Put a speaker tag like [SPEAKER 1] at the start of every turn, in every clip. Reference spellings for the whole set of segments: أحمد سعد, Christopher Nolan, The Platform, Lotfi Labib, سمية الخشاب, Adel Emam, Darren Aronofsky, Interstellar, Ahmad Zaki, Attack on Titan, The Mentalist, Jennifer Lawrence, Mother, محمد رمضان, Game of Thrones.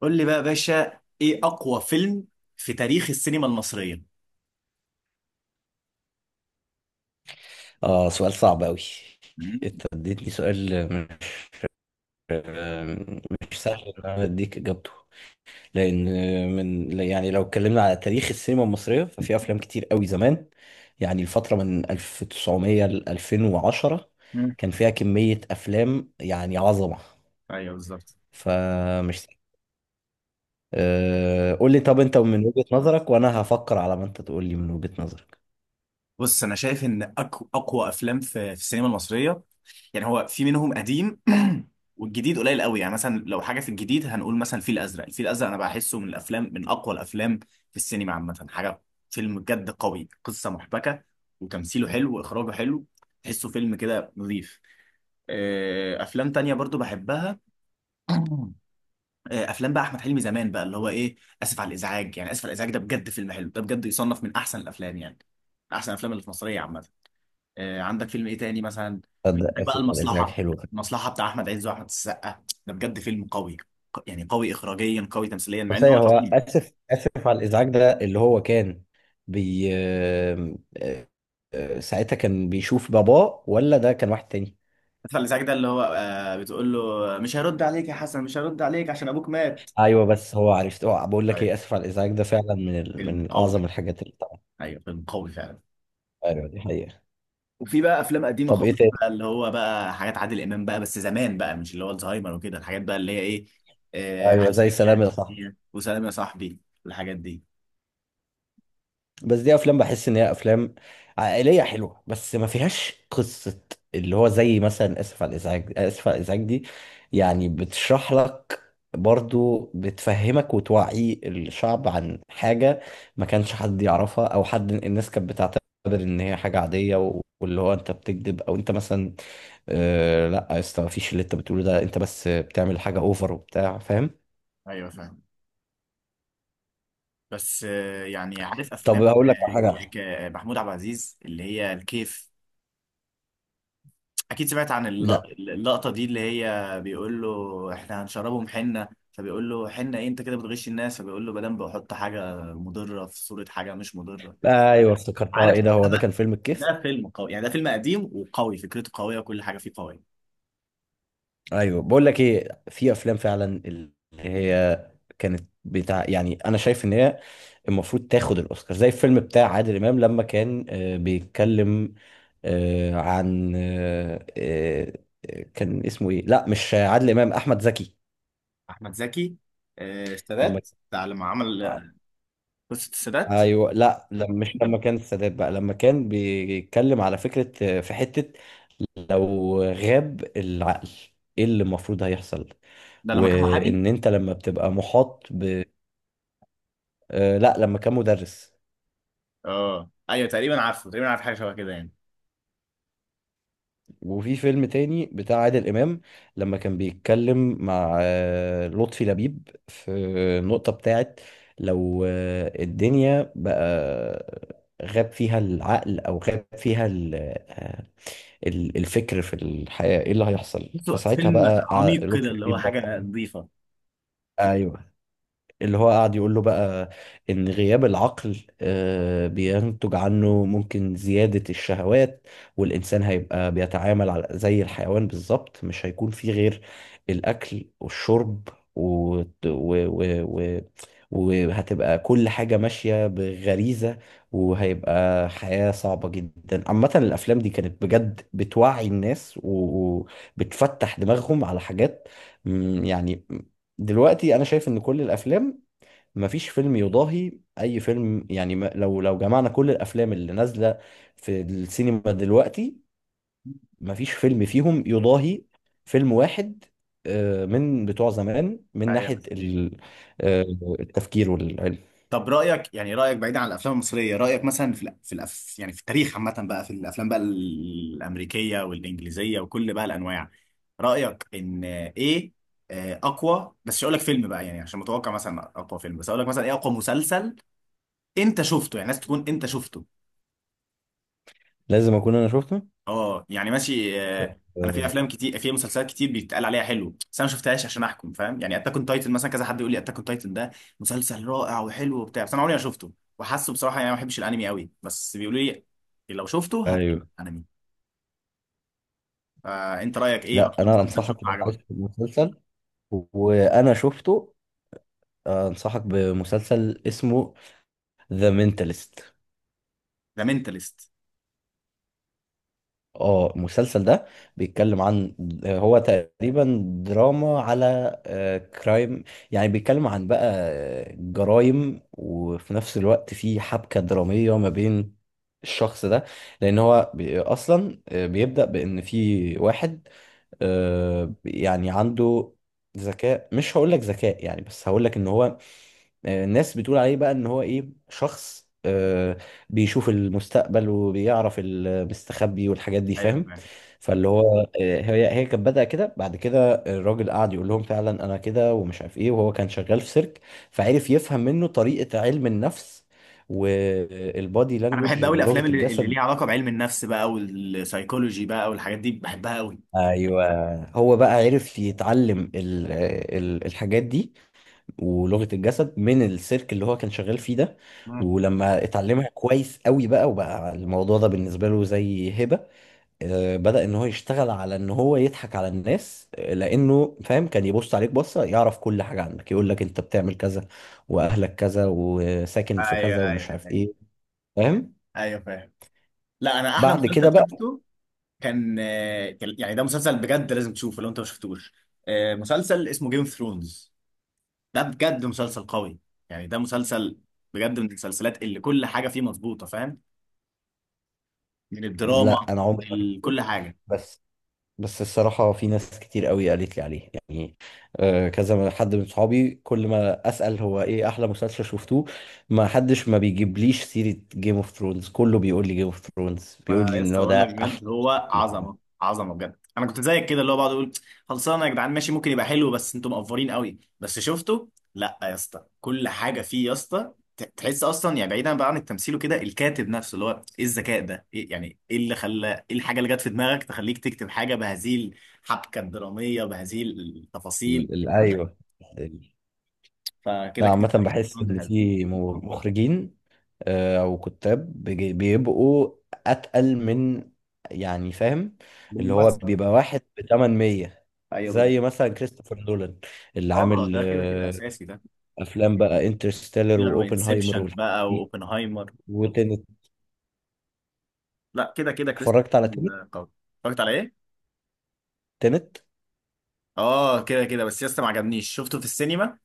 [SPEAKER 1] قول لي بقى يا باشا، ايه اقوى فيلم في تاريخ السينما المصريه؟
[SPEAKER 2] اه، سؤال صعب أوي.
[SPEAKER 1] مم.
[SPEAKER 2] انت اديتني سؤال مش مش سهل ان انا اديك اجابته، لان من، يعني لو اتكلمنا على تاريخ السينما المصريه ففي افلام كتير أوي زمان. يعني الفتره من 1900 ل 2010
[SPEAKER 1] مم.
[SPEAKER 2] كان فيها كميه افلام يعني عظمه.
[SPEAKER 1] ايوه، بالظبط.
[SPEAKER 2] فمش سهل. أه قول لي، طب انت من وجهه نظرك وانا هفكر على ما انت تقول لي من وجهه نظرك.
[SPEAKER 1] بص، انا شايف ان اقوى افلام في السينما المصريه. يعني هو في منهم قديم. والجديد قليل قوي. يعني مثلا لو حاجه في الجديد هنقول مثلا الفيل الازرق. الفيل الازرق انا بحسه من الافلام، من اقوى الافلام في السينما عامه. حاجه، فيلم بجد قوي، قصه محبكه وتمثيله حلو واخراجه حلو. تحسه فيلم كده نظيف. افلام تانية برضو بحبها. افلام بقى احمد حلمي زمان، بقى اللي هو ايه، اسف على الازعاج. يعني اسف على الازعاج ده بجد فيلم حلو. ده بجد يصنف من احسن الافلام، يعني من احسن الافلام اللي في مصريه عامه. عندك فيلم ايه تاني؟ مثلا
[SPEAKER 2] تصدق
[SPEAKER 1] عندك بقى
[SPEAKER 2] اسف على الازعاج
[SPEAKER 1] المصلحه.
[SPEAKER 2] حلو.
[SPEAKER 1] المصلحه بتاع احمد عز واحمد السقا ده بجد فيلم قوي. يعني قوي اخراجيا، قوي تمثيليا،
[SPEAKER 2] طب
[SPEAKER 1] مع انه
[SPEAKER 2] ثانية،
[SPEAKER 1] هو
[SPEAKER 2] هو
[SPEAKER 1] تقيل.
[SPEAKER 2] آسف على الإزعاج ده اللي هو كان بي آه، ساعتها كان بيشوف باباه ولا ده كان واحد تاني؟
[SPEAKER 1] اسف على الازعاج ده اللي هو بتقول له مش هرد عليك يا حسن، مش هرد عليك عشان ابوك مات.
[SPEAKER 2] أيوه، بس هو عرفت، أه بقول لك
[SPEAKER 1] ايوه
[SPEAKER 2] إيه، آسف على الإزعاج ده فعلا من ال...
[SPEAKER 1] فيلم
[SPEAKER 2] من
[SPEAKER 1] قوي،
[SPEAKER 2] أعظم الحاجات اللي طبعا.
[SPEAKER 1] ايوه فيلم قوي فعلا.
[SPEAKER 2] أيوه دي حقيقة.
[SPEAKER 1] وفي بقى افلام قديمه
[SPEAKER 2] طب إيه
[SPEAKER 1] خالص بقى
[SPEAKER 2] تاني؟
[SPEAKER 1] اللي هو بقى حاجات عادل امام، بقى بس زمان بقى، مش اللي هو الزهايمر وكده، الحاجات بقى اللي هي ايه، آه
[SPEAKER 2] أيوه
[SPEAKER 1] عايز
[SPEAKER 2] زي
[SPEAKER 1] فيك،
[SPEAKER 2] سلام يا صاحبي.
[SPEAKER 1] وسلام يا صاحبي، والحاجات دي.
[SPEAKER 2] بس دي افلام بحس ان هي افلام عائليه حلوه بس ما فيهاش قصه، اللي هو زي مثلا اسف على الازعاج دي يعني بتشرح لك، برضو بتفهمك وتوعي الشعب عن حاجه ما كانش حد يعرفها، او حد، الناس كانت بتعتبر ان هي حاجه عاديه واللي هو انت بتكذب، او انت مثلا آه لا يا اسطى، مفيش اللي انت بتقوله ده، انت بس بتعمل حاجه اوفر وبتاع، فاهم.
[SPEAKER 1] ايوه فاهم. بس يعني عارف
[SPEAKER 2] طب
[SPEAKER 1] افلام،
[SPEAKER 2] هقول لك على حاجه.
[SPEAKER 1] محمود عبد العزيز اللي هي الكيف. اكيد سمعت عن
[SPEAKER 2] لا.
[SPEAKER 1] اللقطه دي، اللي هي بيقول له احنا هنشربهم حنه، فبيقول له حنه ايه، انت كده بتغش الناس، فبيقول له مدام بحط حاجه مضره في صوره حاجه مش مضره.
[SPEAKER 2] ايوه افتكرتها،
[SPEAKER 1] عارف،
[SPEAKER 2] ايه ده؟ هو ده كان فيلم الكيف.
[SPEAKER 1] ده فيلم قوي يعني، ده فيلم قديم وقوي، فكرته قوية وكل حاجة فيه قوية.
[SPEAKER 2] ايوه، بقول لك ايه، في افلام فعلا اللي هي كانت بتاع، يعني انا شايف ان هي المفروض تاخد الاوسكار، زي الفيلم بتاع عادل امام لما كان بيتكلم عن كان اسمه ايه، لا مش عادل امام، احمد زكي.
[SPEAKER 1] أحمد زكي.
[SPEAKER 2] لما
[SPEAKER 1] السادات ده لما عمل قصة السادات،
[SPEAKER 2] ايوه، لا لما، مش لما كان السادات بقى، لما كان بيتكلم على فكره في حته، لو غاب العقل ايه اللي المفروض هيحصل،
[SPEAKER 1] ده لما كان محامي.
[SPEAKER 2] وان انت لما بتبقى محاط ب... لا لما كان مدرس.
[SPEAKER 1] اه، ايوه تقريبا عارفه، تقريبا عارف حاجة شبه كده يعني.
[SPEAKER 2] وفي فيلم تاني بتاع عادل امام لما كان بيتكلم مع لطفي لبيب في النقطه بتاعت لو الدنيا بقى غاب فيها العقل او غاب فيها ال... آه، الفكر في الحياة ايه اللي هيحصل؟
[SPEAKER 1] بصوا
[SPEAKER 2] فساعتها
[SPEAKER 1] فيلم
[SPEAKER 2] بقى
[SPEAKER 1] عميق كده
[SPEAKER 2] لطفي
[SPEAKER 1] اللي هو
[SPEAKER 2] لبيب بقى،
[SPEAKER 1] حاجة نظيفة.
[SPEAKER 2] ايوه، اللي هو قاعد يقول له بقى ان غياب العقل بينتج عنه ممكن زيادة الشهوات، والانسان هيبقى بيتعامل على زي الحيوان بالظبط، مش هيكون فيه غير الاكل والشرب و... و وهتبقى كل حاجة ماشية بغريزة، وهيبقى حياة صعبة جدا. عامة الأفلام دي كانت بجد بتوعي الناس وبتفتح دماغهم على حاجات، يعني دلوقتي انا شايف ان كل الافلام، مفيش فيلم يضاهي اي فيلم. يعني لو جمعنا كل الافلام اللي نازله في السينما دلوقتي مفيش فيلم فيهم يضاهي فيلم واحد من بتوع زمان من
[SPEAKER 1] ايوه
[SPEAKER 2] ناحيه
[SPEAKER 1] صحيح.
[SPEAKER 2] آه، التفكير والعلم.
[SPEAKER 1] طب رأيك، يعني رأيك بعيد عن الأفلام المصرية، رأيك مثلا في الأف يعني في التاريخ عامة بقى، في الأفلام بقى الأمريكية والإنجليزية وكل بقى الأنواع، رأيك إن إيه أقوى؟ بس مش هقول لك فيلم بقى يعني عشان متوقع مثلا أقوى فيلم، بس هقول لك مثلا إيه أقوى مسلسل أنت شفته؟ يعني لازم تكون أنت شفته.
[SPEAKER 2] لازم اكون انا شفته.
[SPEAKER 1] اه يعني ماشي. انا في
[SPEAKER 2] آه،
[SPEAKER 1] افلام كتير، في مسلسلات كتير بيتقال عليها حلو بس انا ما شفتهاش عشان احكم، فاهم؟ يعني اتاك اون تايتن مثلا، كذا حد يقول لي اتاك اون تايتن ده مسلسل رائع وحلو وبتاع بس انا عمري ما شفته. وحاسه بصراحه يعني ما بحبش الانمي قوي بس بيقولوا لي لو شفته هتحب
[SPEAKER 2] ايوه.
[SPEAKER 1] الانمي. فانت رايك ايه
[SPEAKER 2] لا
[SPEAKER 1] اكتر
[SPEAKER 2] انا
[SPEAKER 1] مسلسل
[SPEAKER 2] انصحك،
[SPEAKER 1] شفته
[SPEAKER 2] لو
[SPEAKER 1] عجبك؟
[SPEAKER 2] عايز مسلسل وانا شفته انصحك بمسلسل اسمه ذا مينتالست.
[SPEAKER 1] ذا مينتالست.
[SPEAKER 2] اه المسلسل ده بيتكلم عن، هو تقريبا دراما على كرايم، يعني بيتكلم عن بقى جرائم، وفي نفس الوقت في حبكة درامية ما بين الشخص ده. لان هو بي- اصلا آه، بيبدأ بان في واحد يعني عنده ذكاء، مش هقول لك ذكاء يعني، بس هقول لك ان هو الناس بتقول عليه بقى ان هو ايه، شخص بيشوف المستقبل وبيعرف المستخبي والحاجات دي،
[SPEAKER 1] ايوه
[SPEAKER 2] فاهم.
[SPEAKER 1] فاهم.
[SPEAKER 2] فاللي هو هي كانت بدأ كده، بعد كده الراجل قعد يقول لهم فعلا انا كده ومش عارف ايه، وهو كان شغال في سيرك فعرف يفهم منه طريقة علم النفس والبادي
[SPEAKER 1] انا
[SPEAKER 2] لانجوج،
[SPEAKER 1] بحب قوي
[SPEAKER 2] لغة
[SPEAKER 1] الافلام اللي
[SPEAKER 2] الجسد.
[SPEAKER 1] ليها علاقه بعلم النفس بقى والسايكولوجي بقى والحاجات دي، بحبها قوي.
[SPEAKER 2] ايوه، هو بقى عرف يتعلم ال الحاجات دي ولغة الجسد من السيرك اللي هو كان شغال فيه ده.
[SPEAKER 1] مم.
[SPEAKER 2] ولما اتعلمها كويس قوي بقى وبقى الموضوع ده بالنسبة له زي هبة، بدأ ان هو يشتغل على ان هو يضحك على الناس. لانه فاهم، كان يبص عليك بصة يعرف كل حاجة عنك، يقول لك انت بتعمل كذا واهلك كذا وساكن في
[SPEAKER 1] ايوه
[SPEAKER 2] كذا ومش
[SPEAKER 1] ايوه.
[SPEAKER 2] عارف ايه، فاهم.
[SPEAKER 1] ايوه فاهم. لا، انا احلى
[SPEAKER 2] بعد كده
[SPEAKER 1] مسلسل
[SPEAKER 2] بقى،
[SPEAKER 1] شفته كان، يعني ده مسلسل بجد لازم تشوفه لو انت ما شفتوش. مسلسل اسمه جيم اوف ثرونز. ده بجد مسلسل قوي. يعني ده مسلسل بجد من المسلسلات اللي كل حاجه فيه مظبوطه، فاهم؟ من الدراما
[SPEAKER 2] لا انا عمري ما شفته.
[SPEAKER 1] لكل حاجه.
[SPEAKER 2] بس، بس الصراحة في ناس كتير قوي قالت لي عليه، يعني كذا حد من صحابي كل ما أسأل هو إيه أحلى مسلسل شفتوه ما حدش ما بيجيبليش سيرة جيم اوف ثرونز، كله بيقول لي جيم اوف ثرونز،
[SPEAKER 1] ما
[SPEAKER 2] بيقول لي
[SPEAKER 1] انا
[SPEAKER 2] إن
[SPEAKER 1] لسه
[SPEAKER 2] هو
[SPEAKER 1] بقول
[SPEAKER 2] ده
[SPEAKER 1] لك بجد
[SPEAKER 2] أحلى
[SPEAKER 1] هو
[SPEAKER 2] مسلسل اتعمل.
[SPEAKER 1] عظمه عظمه بجد. انا كنت زيك كده اللي هو بقعد اقول خلصانه يا جدعان، ماشي، ممكن يبقى حلو، بس انتوا مقفرين قوي. بس شفته، لا يا اسطى، كل حاجه فيه يا اسطى. تحس اصلا يعني، بعيدا بقى عن التمثيل وكده، الكاتب نفسه اللي هو ايه الذكاء ده، إيه يعني، ايه اللي خلى، ايه الحاجه اللي جت في دماغك تخليك تكتب حاجه بهذه الحبكه الدراميه بهذه التفاصيل، فاهم؟
[SPEAKER 2] أيوه ال-
[SPEAKER 1] فكده
[SPEAKER 2] لا
[SPEAKER 1] كده
[SPEAKER 2] عامة
[SPEAKER 1] Game of
[SPEAKER 2] بحس
[SPEAKER 1] Thrones
[SPEAKER 2] إن
[SPEAKER 1] حلو.
[SPEAKER 2] في مخرجين أو كتاب بيبقوا أتقل من، يعني فاهم، اللي هو
[SPEAKER 1] بالممثل.
[SPEAKER 2] بيبقى واحد ب 800،
[SPEAKER 1] ايوه بالظبط.
[SPEAKER 2] زي مثلا كريستوفر نولان، اللي
[SPEAKER 1] اه،
[SPEAKER 2] عامل
[SPEAKER 1] ده كده كده اساسي ده.
[SPEAKER 2] افلام بقى انترستيلر واوبنهايمر
[SPEAKER 1] انسبشن
[SPEAKER 2] والحاجات
[SPEAKER 1] بقى
[SPEAKER 2] دي،
[SPEAKER 1] واوبنهايمر.
[SPEAKER 2] وتنت.
[SPEAKER 1] لا، كده كده كريستوفر
[SPEAKER 2] اتفرجت على تنت.
[SPEAKER 1] نولان قوي. اتفرجت على ايه؟
[SPEAKER 2] تنت.
[SPEAKER 1] اه كده كده، بس يا اسطى ما عجبنيش. شفته في السينما،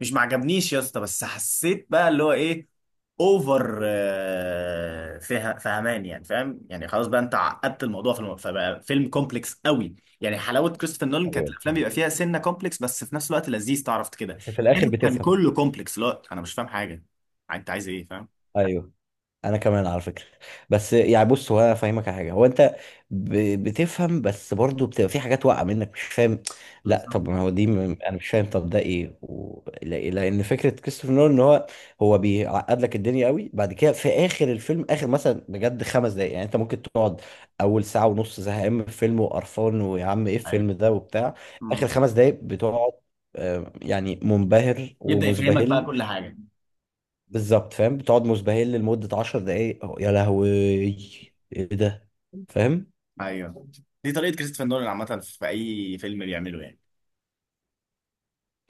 [SPEAKER 1] مش ما عجبنيش يا اسطى، بس حسيت بقى اللي هو ايه، اوفر، فهمان يعني، فاهم؟ يعني خلاص بقى، انت عقدت الموضوع فبقى فيلم كومبلكس قوي. يعني حلاوه كريستوفر نولان
[SPEAKER 2] ايوه
[SPEAKER 1] كانت الافلام بيبقى
[SPEAKER 2] الحاجات،
[SPEAKER 1] فيها سنه كومبلكس بس في نفس الوقت لذيذ، تعرف كده.
[SPEAKER 2] بس في الاخر
[SPEAKER 1] كده كان
[SPEAKER 2] بتفهم.
[SPEAKER 1] كله كومبلكس، لا انا مش فاهم حاجه، انت عايز ايه؟ فاهم.
[SPEAKER 2] ايوه، انا كمان على فكره. بس يعني بص، هو انا فاهمك على حاجه، هو انت بتفهم، بس برضه بتبقى في حاجات واقعه منك مش فاهم. لا
[SPEAKER 1] بالظبط.
[SPEAKER 2] طب ما هو دي انا مش فاهم، طب ده ايه و... لان فكره كريستوفر نولان ان هو، هو بيعقد لك الدنيا قوي، بعد كده في اخر الفيلم، اخر مثلا بجد 5 دقايق، يعني انت ممكن تقعد اول ساعه ونص زهقان من الفيلم وقرفان، ويا عم ايه
[SPEAKER 1] أيوة.
[SPEAKER 2] الفيلم ده وبتاع. اخر
[SPEAKER 1] مم.
[SPEAKER 2] 5 دقايق بتقعد يعني منبهر
[SPEAKER 1] يبدأ يفهمك بقى
[SPEAKER 2] ومزبهل.
[SPEAKER 1] كل حاجة.
[SPEAKER 2] بالظبط فاهم، بتقعد مزبهل لمدة 10 دقايق، أهو، يا لهوي ايه ده، فاهم.
[SPEAKER 1] ايوه، دي طريقه كريستوفر نولان عامه في اي فيلم بيعمله يعني.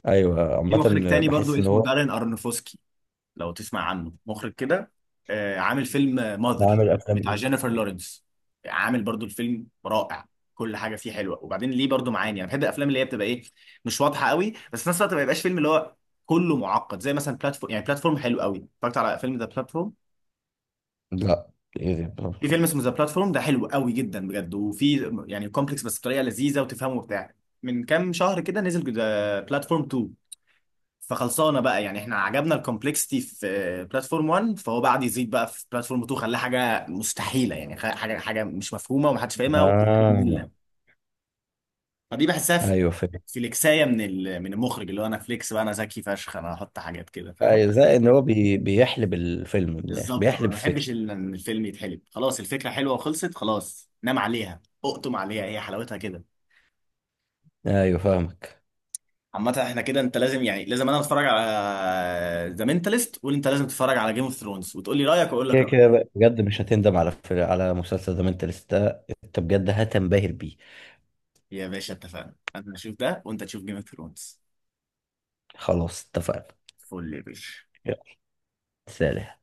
[SPEAKER 2] ايوه
[SPEAKER 1] في
[SPEAKER 2] عامة
[SPEAKER 1] مخرج تاني برضو
[SPEAKER 2] بحس ان
[SPEAKER 1] اسمه
[SPEAKER 2] هو
[SPEAKER 1] دارين ارنوفسكي، لو تسمع عنه، مخرج كده. عامل فيلم ماذر
[SPEAKER 2] بعمل افلام
[SPEAKER 1] بتاع
[SPEAKER 2] ايه.
[SPEAKER 1] جينيفر لورنس. عامل برضو الفيلم رائع، كل حاجه فيه حلوه، وبعدين ليه برضو معاني. انا بحب الافلام اللي هي بتبقى ايه، مش واضحه قوي، بس في نفس الوقت ما يبقاش فيلم اللي هو كله معقد، زي مثلا بلاتفورم. يعني بلاتفورم حلو قوي. اتفرجت على فيلم ذا بلاتفورم؟
[SPEAKER 2] لا ايه ده
[SPEAKER 1] في
[SPEAKER 2] برضه.
[SPEAKER 1] فيلم اسمه ذا بلاتفورم ده حلو قوي جدا بجد، وفي يعني كومبلكس بس بطريقه لذيذه وتفهمه وبتاع. من كام شهر كده نزل ذا بلاتفورم 2. فخلصانه بقى يعني احنا عجبنا الكومبلكسيتي في بلاتفورم 1، فهو بعد يزيد بقى في بلاتفورم 2، خلاه حاجه مستحيله يعني، حاجه حاجه مش مفهومه ومحدش فاهمها
[SPEAKER 2] آه.
[SPEAKER 1] ومملة. فدي بحسها في
[SPEAKER 2] ايوه فاهم.
[SPEAKER 1] في الاكسايه من المخرج، اللي هو انا فليكس بقى، انا ذكي فشخ، انا هحط حاجات كده، فاهم.
[SPEAKER 2] ايوه زي ان هو بي... بيحلب الفيلم من الاخر،
[SPEAKER 1] بالظبط. انا
[SPEAKER 2] بيحلب
[SPEAKER 1] ما
[SPEAKER 2] الفكرة.
[SPEAKER 1] بحبش ان الفيلم يتحلب. خلاص الفكره حلوه وخلصت، خلاص، نام عليها، اقطم عليها، هي حلاوتها كده.
[SPEAKER 2] ايوه فاهمك.
[SPEAKER 1] عامة احنا كده، انت لازم يعني، لازم انا اتفرج على ذا مينتاليست وقول، انت لازم تتفرج على جيم اوف ثرونز وتقول لي رايك واقول لك
[SPEAKER 2] كده
[SPEAKER 1] رايي.
[SPEAKER 2] كده بقى، بجد مش هتندم على على مسلسل ذا منتلست ده، انت بجد هتنبهر بيه.
[SPEAKER 1] يا باشا اتفقنا، انا هشوف ده وانت تشوف جيم اوف ثرونز.
[SPEAKER 2] خلاص اتفقنا.
[SPEAKER 1] فل يا باشا.
[SPEAKER 2] يلا سلام.